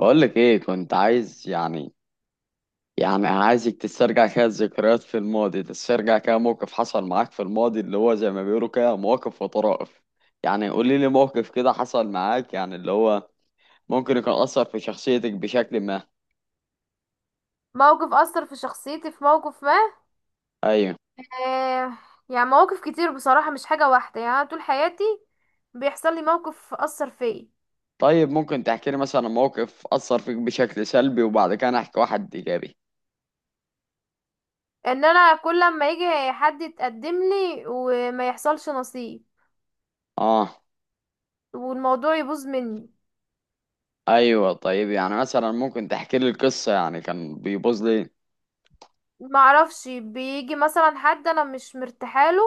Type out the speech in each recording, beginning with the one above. بقول لك ايه كنت عايز يعني عايزك تسترجع كده الذكريات في الماضي، تسترجع كده موقف حصل معاك في الماضي اللي هو زي ما بيقولوا كده، مواقف وطرائف. يعني قولي لي موقف كده حصل معاك يعني اللي هو ممكن يكون أثر في شخصيتك بشكل ما. موقف أثر في شخصيتي في موقف ما. ايوه. آه يعني مواقف كتير بصراحة، مش حاجة واحدة. يعني أنا طول حياتي بيحصل لي موقف أثر فيا. طيب، ممكن تحكي لي مثلا موقف أثر فيك بشكل سلبي وبعد كده أنا احكي واحد ايجابي؟ انا كل ما يجي حد يتقدم لي وما يحصلش نصيب، اه. والموضوع يبوظ مني. ايوه طيب يعني مثلا ممكن تحكي لي القصة يعني كان بيبوظ لي. ما اعرفش، بيجي مثلا حد انا مش مرتاحه له،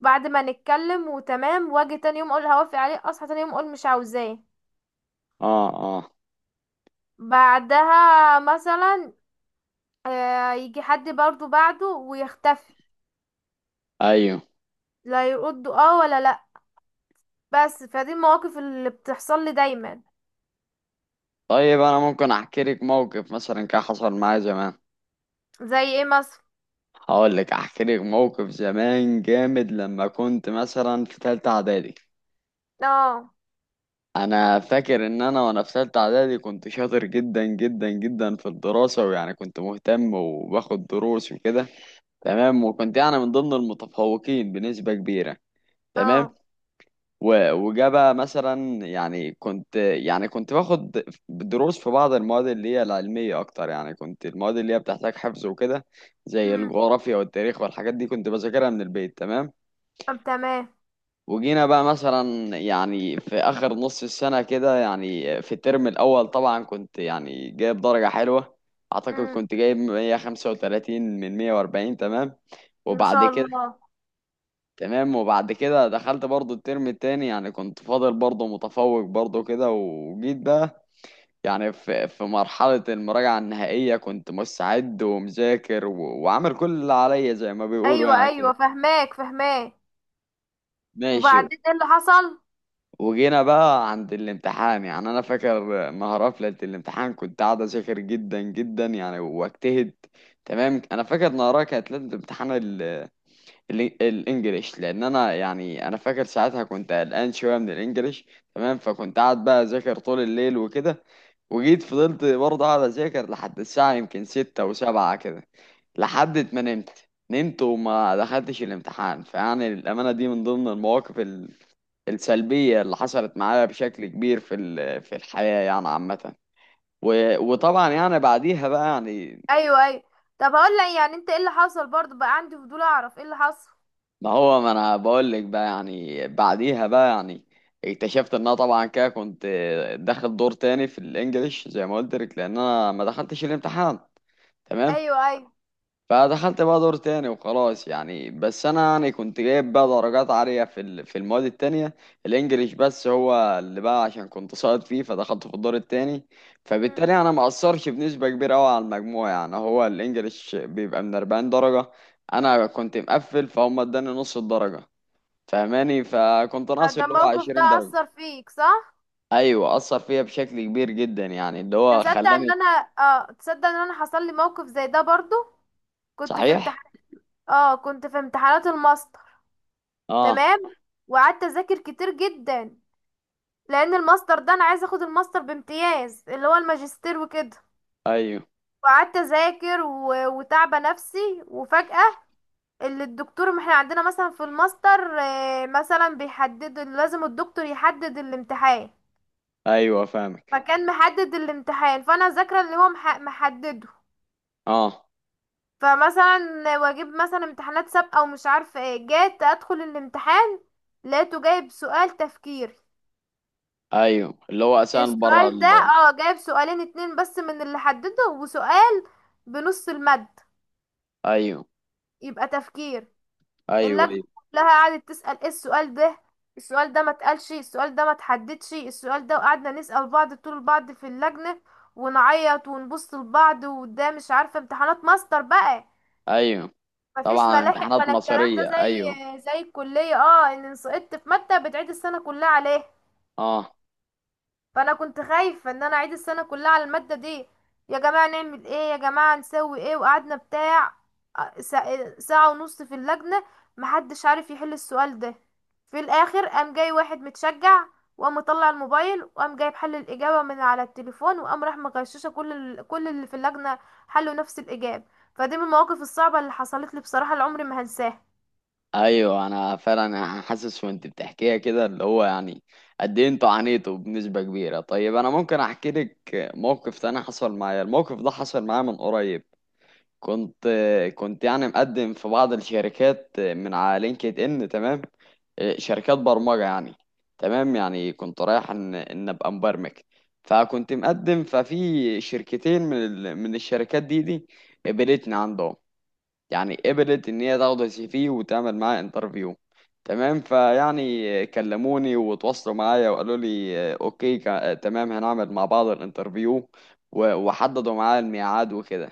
بعد ما نتكلم وتمام واجي تاني يوم اقول هوافق عليه، اصحى تاني يوم اقول مش عاوزاه. اه. اه. بعدها مثلا، يجي حد برضو بعده ويختفي، ايوه. لا يرد اه ولا لا. بس فدي المواقف اللي بتحصل لي دايما. طيب انا ممكن احكي لك موقف مثلا كان حصل معايا زمان. زي ايه مثلا؟ هقول لك احكي لك موقف زمان جامد، لما كنت مثلا في ثالثه اعدادي. اه. انا فاكر ان انا وانا في ثالثه اعدادي كنت شاطر جدا جدا جدا في الدراسه، ويعني كنت مهتم وباخد دروس وكده. تمام، وكنت يعني من ضمن المتفوقين بنسبه كبيره. تمام. اه. وجا بقى مثلا يعني كنت باخد دروس في بعض المواد اللي هي العلمية أكتر، يعني كنت المواد اللي هي بتحتاج حفظ وكده، زي امم. الجغرافيا والتاريخ والحاجات دي كنت بذاكرها من البيت. تمام. طب تمام. وجينا بقى مثلا يعني في آخر نص السنة كده، يعني في الترم الأول طبعا كنت يعني جايب درجة حلوة. أعتقد امم. كنت جايب 135 من 140. تمام، ما وبعد شاء كده. الله. تمام، وبعد كده دخلت برضو الترم التاني، يعني كنت فاضل برضو متفوق برضو كده. وجيت بقى يعني في مرحلة المراجعة النهائية كنت مستعد ومذاكر وعامل كل اللي عليا زي ما بيقولوا ايوه يعني ايوه، كده. فهماك فهماك. ماشي. وبعدين ايه اللي حصل؟ وجينا بقى عند الامتحان. يعني انا فاكر نهار قفلة الامتحان كنت قاعد اذاكر جدا جدا يعني، واجتهد. تمام. انا فاكر نهارها كانت ليلة امتحان الانجليش، لان انا يعني انا فاكر ساعتها كنت قلقان شويه من الانجليش. تمام، فكنت قاعد بقى اذاكر طول الليل وكده. وجيت فضلت برضه قاعد اذاكر لحد الساعه يمكن ستة وسبعة كده، لحد ما نمت. نمت وما دخلتش الامتحان. فيعني الامانه دي من ضمن المواقف السلبيه اللي حصلت معايا بشكل كبير في في الحياه يعني عامه. وطبعا يعني بعديها بقى يعني. ايوه ايوه. طب هقول لك، يعني انت ايه اللي حصل برضه؟ بقى عندي فضول اعرف ايه اللي حصل. ما هو ما انا بقول لك بقى، يعني بعديها بقى يعني اكتشفت ان انا طبعا كده كنت داخل دور تاني في الانجليش، زي ما قلت لك، لان انا ما دخلتش الامتحان. تمام. ايوه ايوه. فدخلت بقى دور تاني وخلاص، يعني بس انا يعني كنت جايب بقى درجات عالية في في المواد التانية. الانجليش بس هو اللي بقى، عشان كنت ساقط فيه فدخلت في الدور التاني. امم. فبالتالي انا ما اثرش بنسبة كبيرة قوي على المجموع. يعني هو الانجليش بيبقى من 40 درجة، انا كنت مقفل، فهم اداني نص الدرجة، فاهماني، فكنت ناقص فده اللي هو الموقف ده 20 درجة. اثر فيك صح؟ ايوه اثر فيا بشكل كبير جدا، يعني اللي هو تصدق ان خلاني. انا، اه تصدق ان انا حصل لي موقف زي ده برضه؟ كنت في صحيح. امتحان، اه كنت في امتحانات الماستر. اه. تمام. وقعدت اذاكر كتير جدا، لان الماستر ده انا عايزه اخد الماستر بامتياز، اللي هو الماجستير وكده. ايوه وقعدت اذاكر وتعبه نفسي، وفجاه اللي الدكتور، ما احنا عندنا مثلا في الماستر، مثلا بيحدد، لازم الدكتور يحدد الامتحان. ايوه فاهمك. فكان محدد الامتحان، فانا ذاكره اللي هو محدده. اه، فمثلا واجيب مثلا امتحانات سابقه ومش عارفه ايه. جيت ادخل الامتحان لقيته جايب سؤال تفكير. ايوه اللي هو اسان بره السؤال ده، ال... اه، جايب سؤالين اتنين بس من اللي حدده، وسؤال بنص المد ايوه يبقى تفكير. ايوه. اللجنة ايوه كلها قعدت تسأل ايه السؤال ده، السؤال ده ما اتقالش، السؤال ده ما اتحددش السؤال ده. وقعدنا نسأل بعض، طول بعض في اللجنة ونعيط ونبص لبعض. وده مش عارفة، امتحانات ماستر بقى، ايوه. مفيش طبعا ملاحق امتحانات ولا الكلام ده، مصيرية، زي ايوه. زي الكلية، اه ان سقطت في مادة بتعيد السنة كلها عليها. اه. فانا كنت خايفه ان انا اعيد السنه كلها على الماده دي. يا جماعه نعمل ايه، يا جماعه نسوي ايه. وقعدنا بتاع، ساعة ونص في اللجنه محدش عارف يحل السؤال ده. في الاخر قام جاي واحد متشجع، وقام مطلع الموبايل، وقام جايب حل الاجابه من على التليفون، وقام راح مغششه كل كل اللي في اللجنه، حلوا نفس الاجابه. فدي من المواقف الصعبه اللي حصلت لي بصراحه، العمر ما هنساها. ايوه، انا فعلا حاسس وانت بتحكيها كده اللي هو يعني قد ايه انتوا عانيتوا بنسبة كبيرة. طيب انا ممكن احكي لك موقف تاني حصل معايا. الموقف ده حصل معايا من قريب. كنت كنت يعني مقدم في بعض الشركات من على لينكد ان. تمام، شركات برمجة يعني. تمام، يعني كنت رايح ان ابقى مبرمج. فكنت مقدم ففي شركتين من الشركات دي. قبلتني عندهم، يعني قبلت ان هي تاخد السي في وتعمل معاه انترفيو. تمام. فيعني كلموني وتواصلوا معايا وقالوا لي اوكي، تمام، هنعمل مع بعض الانترفيو وحددوا معايا الميعاد وكده.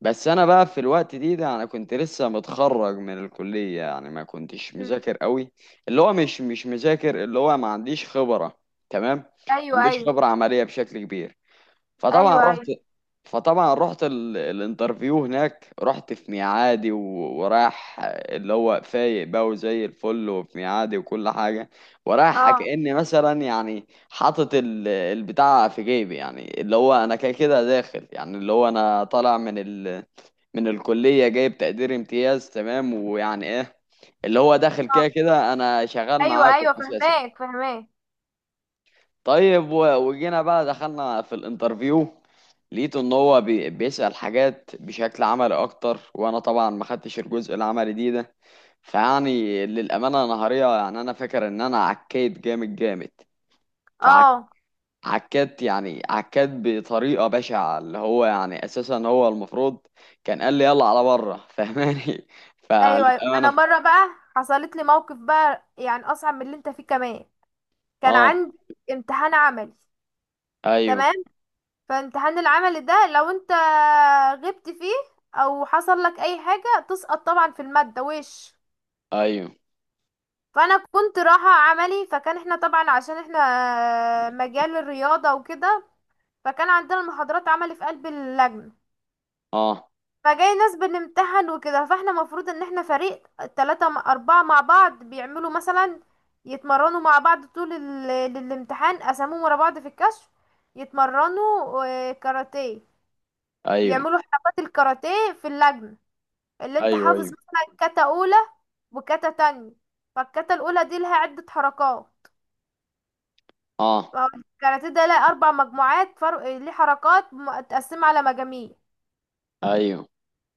بس انا بقى في الوقت ده انا كنت لسه متخرج من الكلية، يعني ما كنتش مم. مذاكر قوي. اللي هو مش مذاكر، اللي هو ما عنديش خبرة. تمام، ما ايوه عنديش ايوه. خبرة عملية بشكل كبير. فطبعا ايوه ايوه. رحت فطبعا رحت الانترفيو هناك. رحت في ميعادي، و... ورايح اللي هو فايق بقى وزي الفل وفي ميعادي وكل حاجة. ورايح اه. كأني مثلا يعني حاطط البتاع في جيبي. يعني اللي هو انا كده كده داخل، يعني اللي هو انا طالع من الكلية جايب تقدير امتياز. تمام، ويعني ايه، اللي هو داخل اه. كده كده انا شغال ايوه معاكم ايوه، اساسا. فهماك فهماك. طيب وجينا بقى دخلنا في الانترفيو. لقيته ان هو بيسأل حاجات بشكل عملي اكتر، وانا طبعا ما خدتش الجزء العملي ده. فيعني للامانه نهاريه يعني انا فاكر ان انا عكيت جامد جامد. اه. فعكيت يعني عكيت بطريقه بشعه، اللي هو يعني اساسا هو المفروض كان قال لي يلا على بره فاهماني. ايوه ايوه. انا فللامانه. مره بقى حصلت لي موقف بقى، يعني اصعب من اللي انت فيه كمان. كان اه عندي امتحان عملي. ايوه تمام. فامتحان العمل ده لو انت غبت فيه او حصل لك اي حاجه تسقط طبعا في الماده وش. ايوه. فانا كنت رايحه عملي، فكان احنا طبعا عشان احنا مجال الرياضه وكده، فكان عندنا المحاضرات عملي في قلب اللجنه. اه فجاي ناس بنمتحن وكده. فاحنا مفروض ان احنا فريق 3 4 مع بعض، بيعملوا مثلا يتمرنوا مع بعض طول الامتحان. قسموهم ورا بعض في الكشف يتمرنوا، كاراتيه، ايوه يعملوا حركات الكاراتيه في اللجنة. اللي انت ايوه. حافظ ايوه. مثلا كاتا اولى وكاتا تانية. فالكاتا الاولى دي لها عدة حركات. اه فهو الكاراتيه ده لها 4 مجموعات، فرق ليه حركات متقسمة على مجاميع. ايوه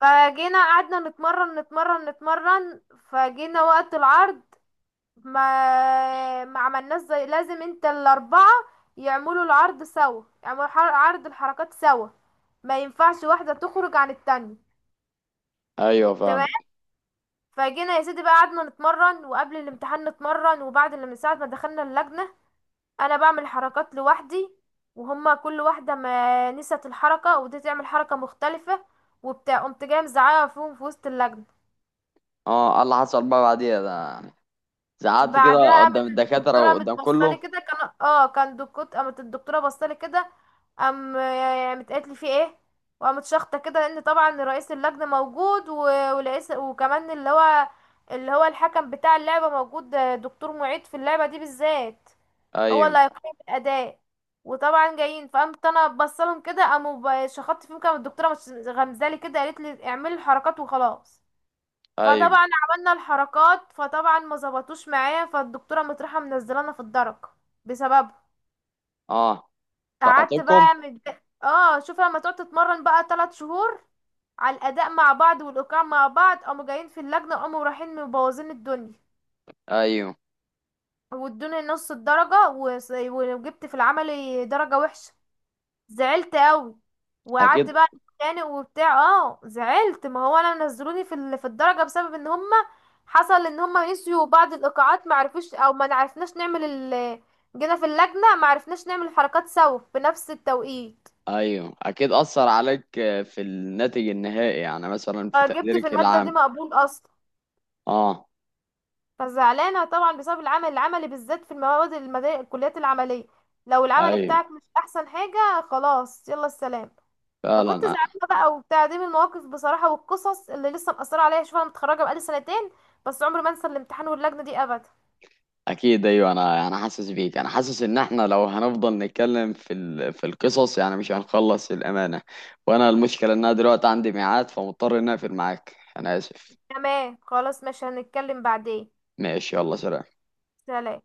فجينا قعدنا نتمرن نتمرن نتمرن. فجينا وقت العرض ما عملناش زي لازم. انت الاربعه يعملوا العرض سوا، يعملوا عرض الحركات سوا، ما ينفعش واحده تخرج عن التانية. ايوه تمام. فاهم. فجينا يا سيدي بقى، قعدنا نتمرن وقبل الامتحان نتمرن، وبعد اللي من ساعه ما دخلنا اللجنه، انا بعمل حركات لوحدي، وهما كل واحده ما نسيت الحركه ودي تعمل حركه مختلفه وبتاع. قمت جايه مزعقه فيهم في وسط اللجنه. اه، قال اللي حصل بقى بعديها ده زعلت كده بعدها قامت قدام الدكاترة الدكتوره قامت وقدام بصالي كله. كده، كان اه كان دكتور. قامت الدكتوره بصالي كده، قامت قالت لي في ايه. وقامت شخطه كده، لان طبعا رئيس اللجنه موجود ورئيس، وكمان اللي هو، اللي هو الحكم بتاع اللعبه موجود، دكتور معيد في اللعبه دي بالذات، هو ايوه اللي هيقيم الاداء. وطبعا جايين، فقامت انا بصلهم كده، قاموا شخطت فيهم كده الدكتوره، غمزالي كده قالت لي اعملي الحركات وخلاص. ايوه. فطبعا عملنا الحركات، فطبعا ما ظبطوش معايا، فالدكتوره مطرحه منزلانا في الدرك بسببه. اه. قعدت سقطتكم. بقى اه شوف، لما تقعد تتمرن بقى 3 شهور على الاداء مع بعض والايقاع مع بعض، قاموا جايين في اللجنه قاموا رايحين مبوظين الدنيا. ايوه وادوني نص الدرجه، وجبت في العملي درجه وحشه. زعلت قوي، وقعدت اكيد. بقى اتخانق وبتاع. اه زعلت، ما هو انا نزلوني في في الدرجه بسبب ان هما، حصل ان هما نسيوا بعض الايقاعات، ما عرفوش او ما عرفناش نعمل ال، جينا في اللجنه ما عرفناش نعمل الحركات سوا في نفس التوقيت. ايوه اكيد اثر عليك في الناتج النهائي، يعني مثلا في جبت في تقديرك الماده دي العام. مقبول اصلا. اه فزعلانه طبعا بسبب العمل العملي بالذات، في المواد المدارس الكليات العمليه، لو العمل ايوه بتاعك مش احسن حاجه، خلاص يلا السلام. فكنت فعلا زعلانه بقى وبتاع. دي من المواقف بصراحه والقصص اللي لسه مأثره عليا. شوف انا متخرجه بقالي سنتين، بس عمري ما انسى الامتحان واللجنه دي ابدا. اكيد. ايوه، انا حاسس بيك. انا حاسس ان احنا لو هنفضل نتكلم في في القصص يعني مش هنخلص الامانه. وانا المشكله ان انا دلوقتي عندي ميعاد فمضطر ان اقفل معاك. انا اسف. تمام خلاص ماشي، هنتكلم بعدين. ماشي يلا سلام. سلام.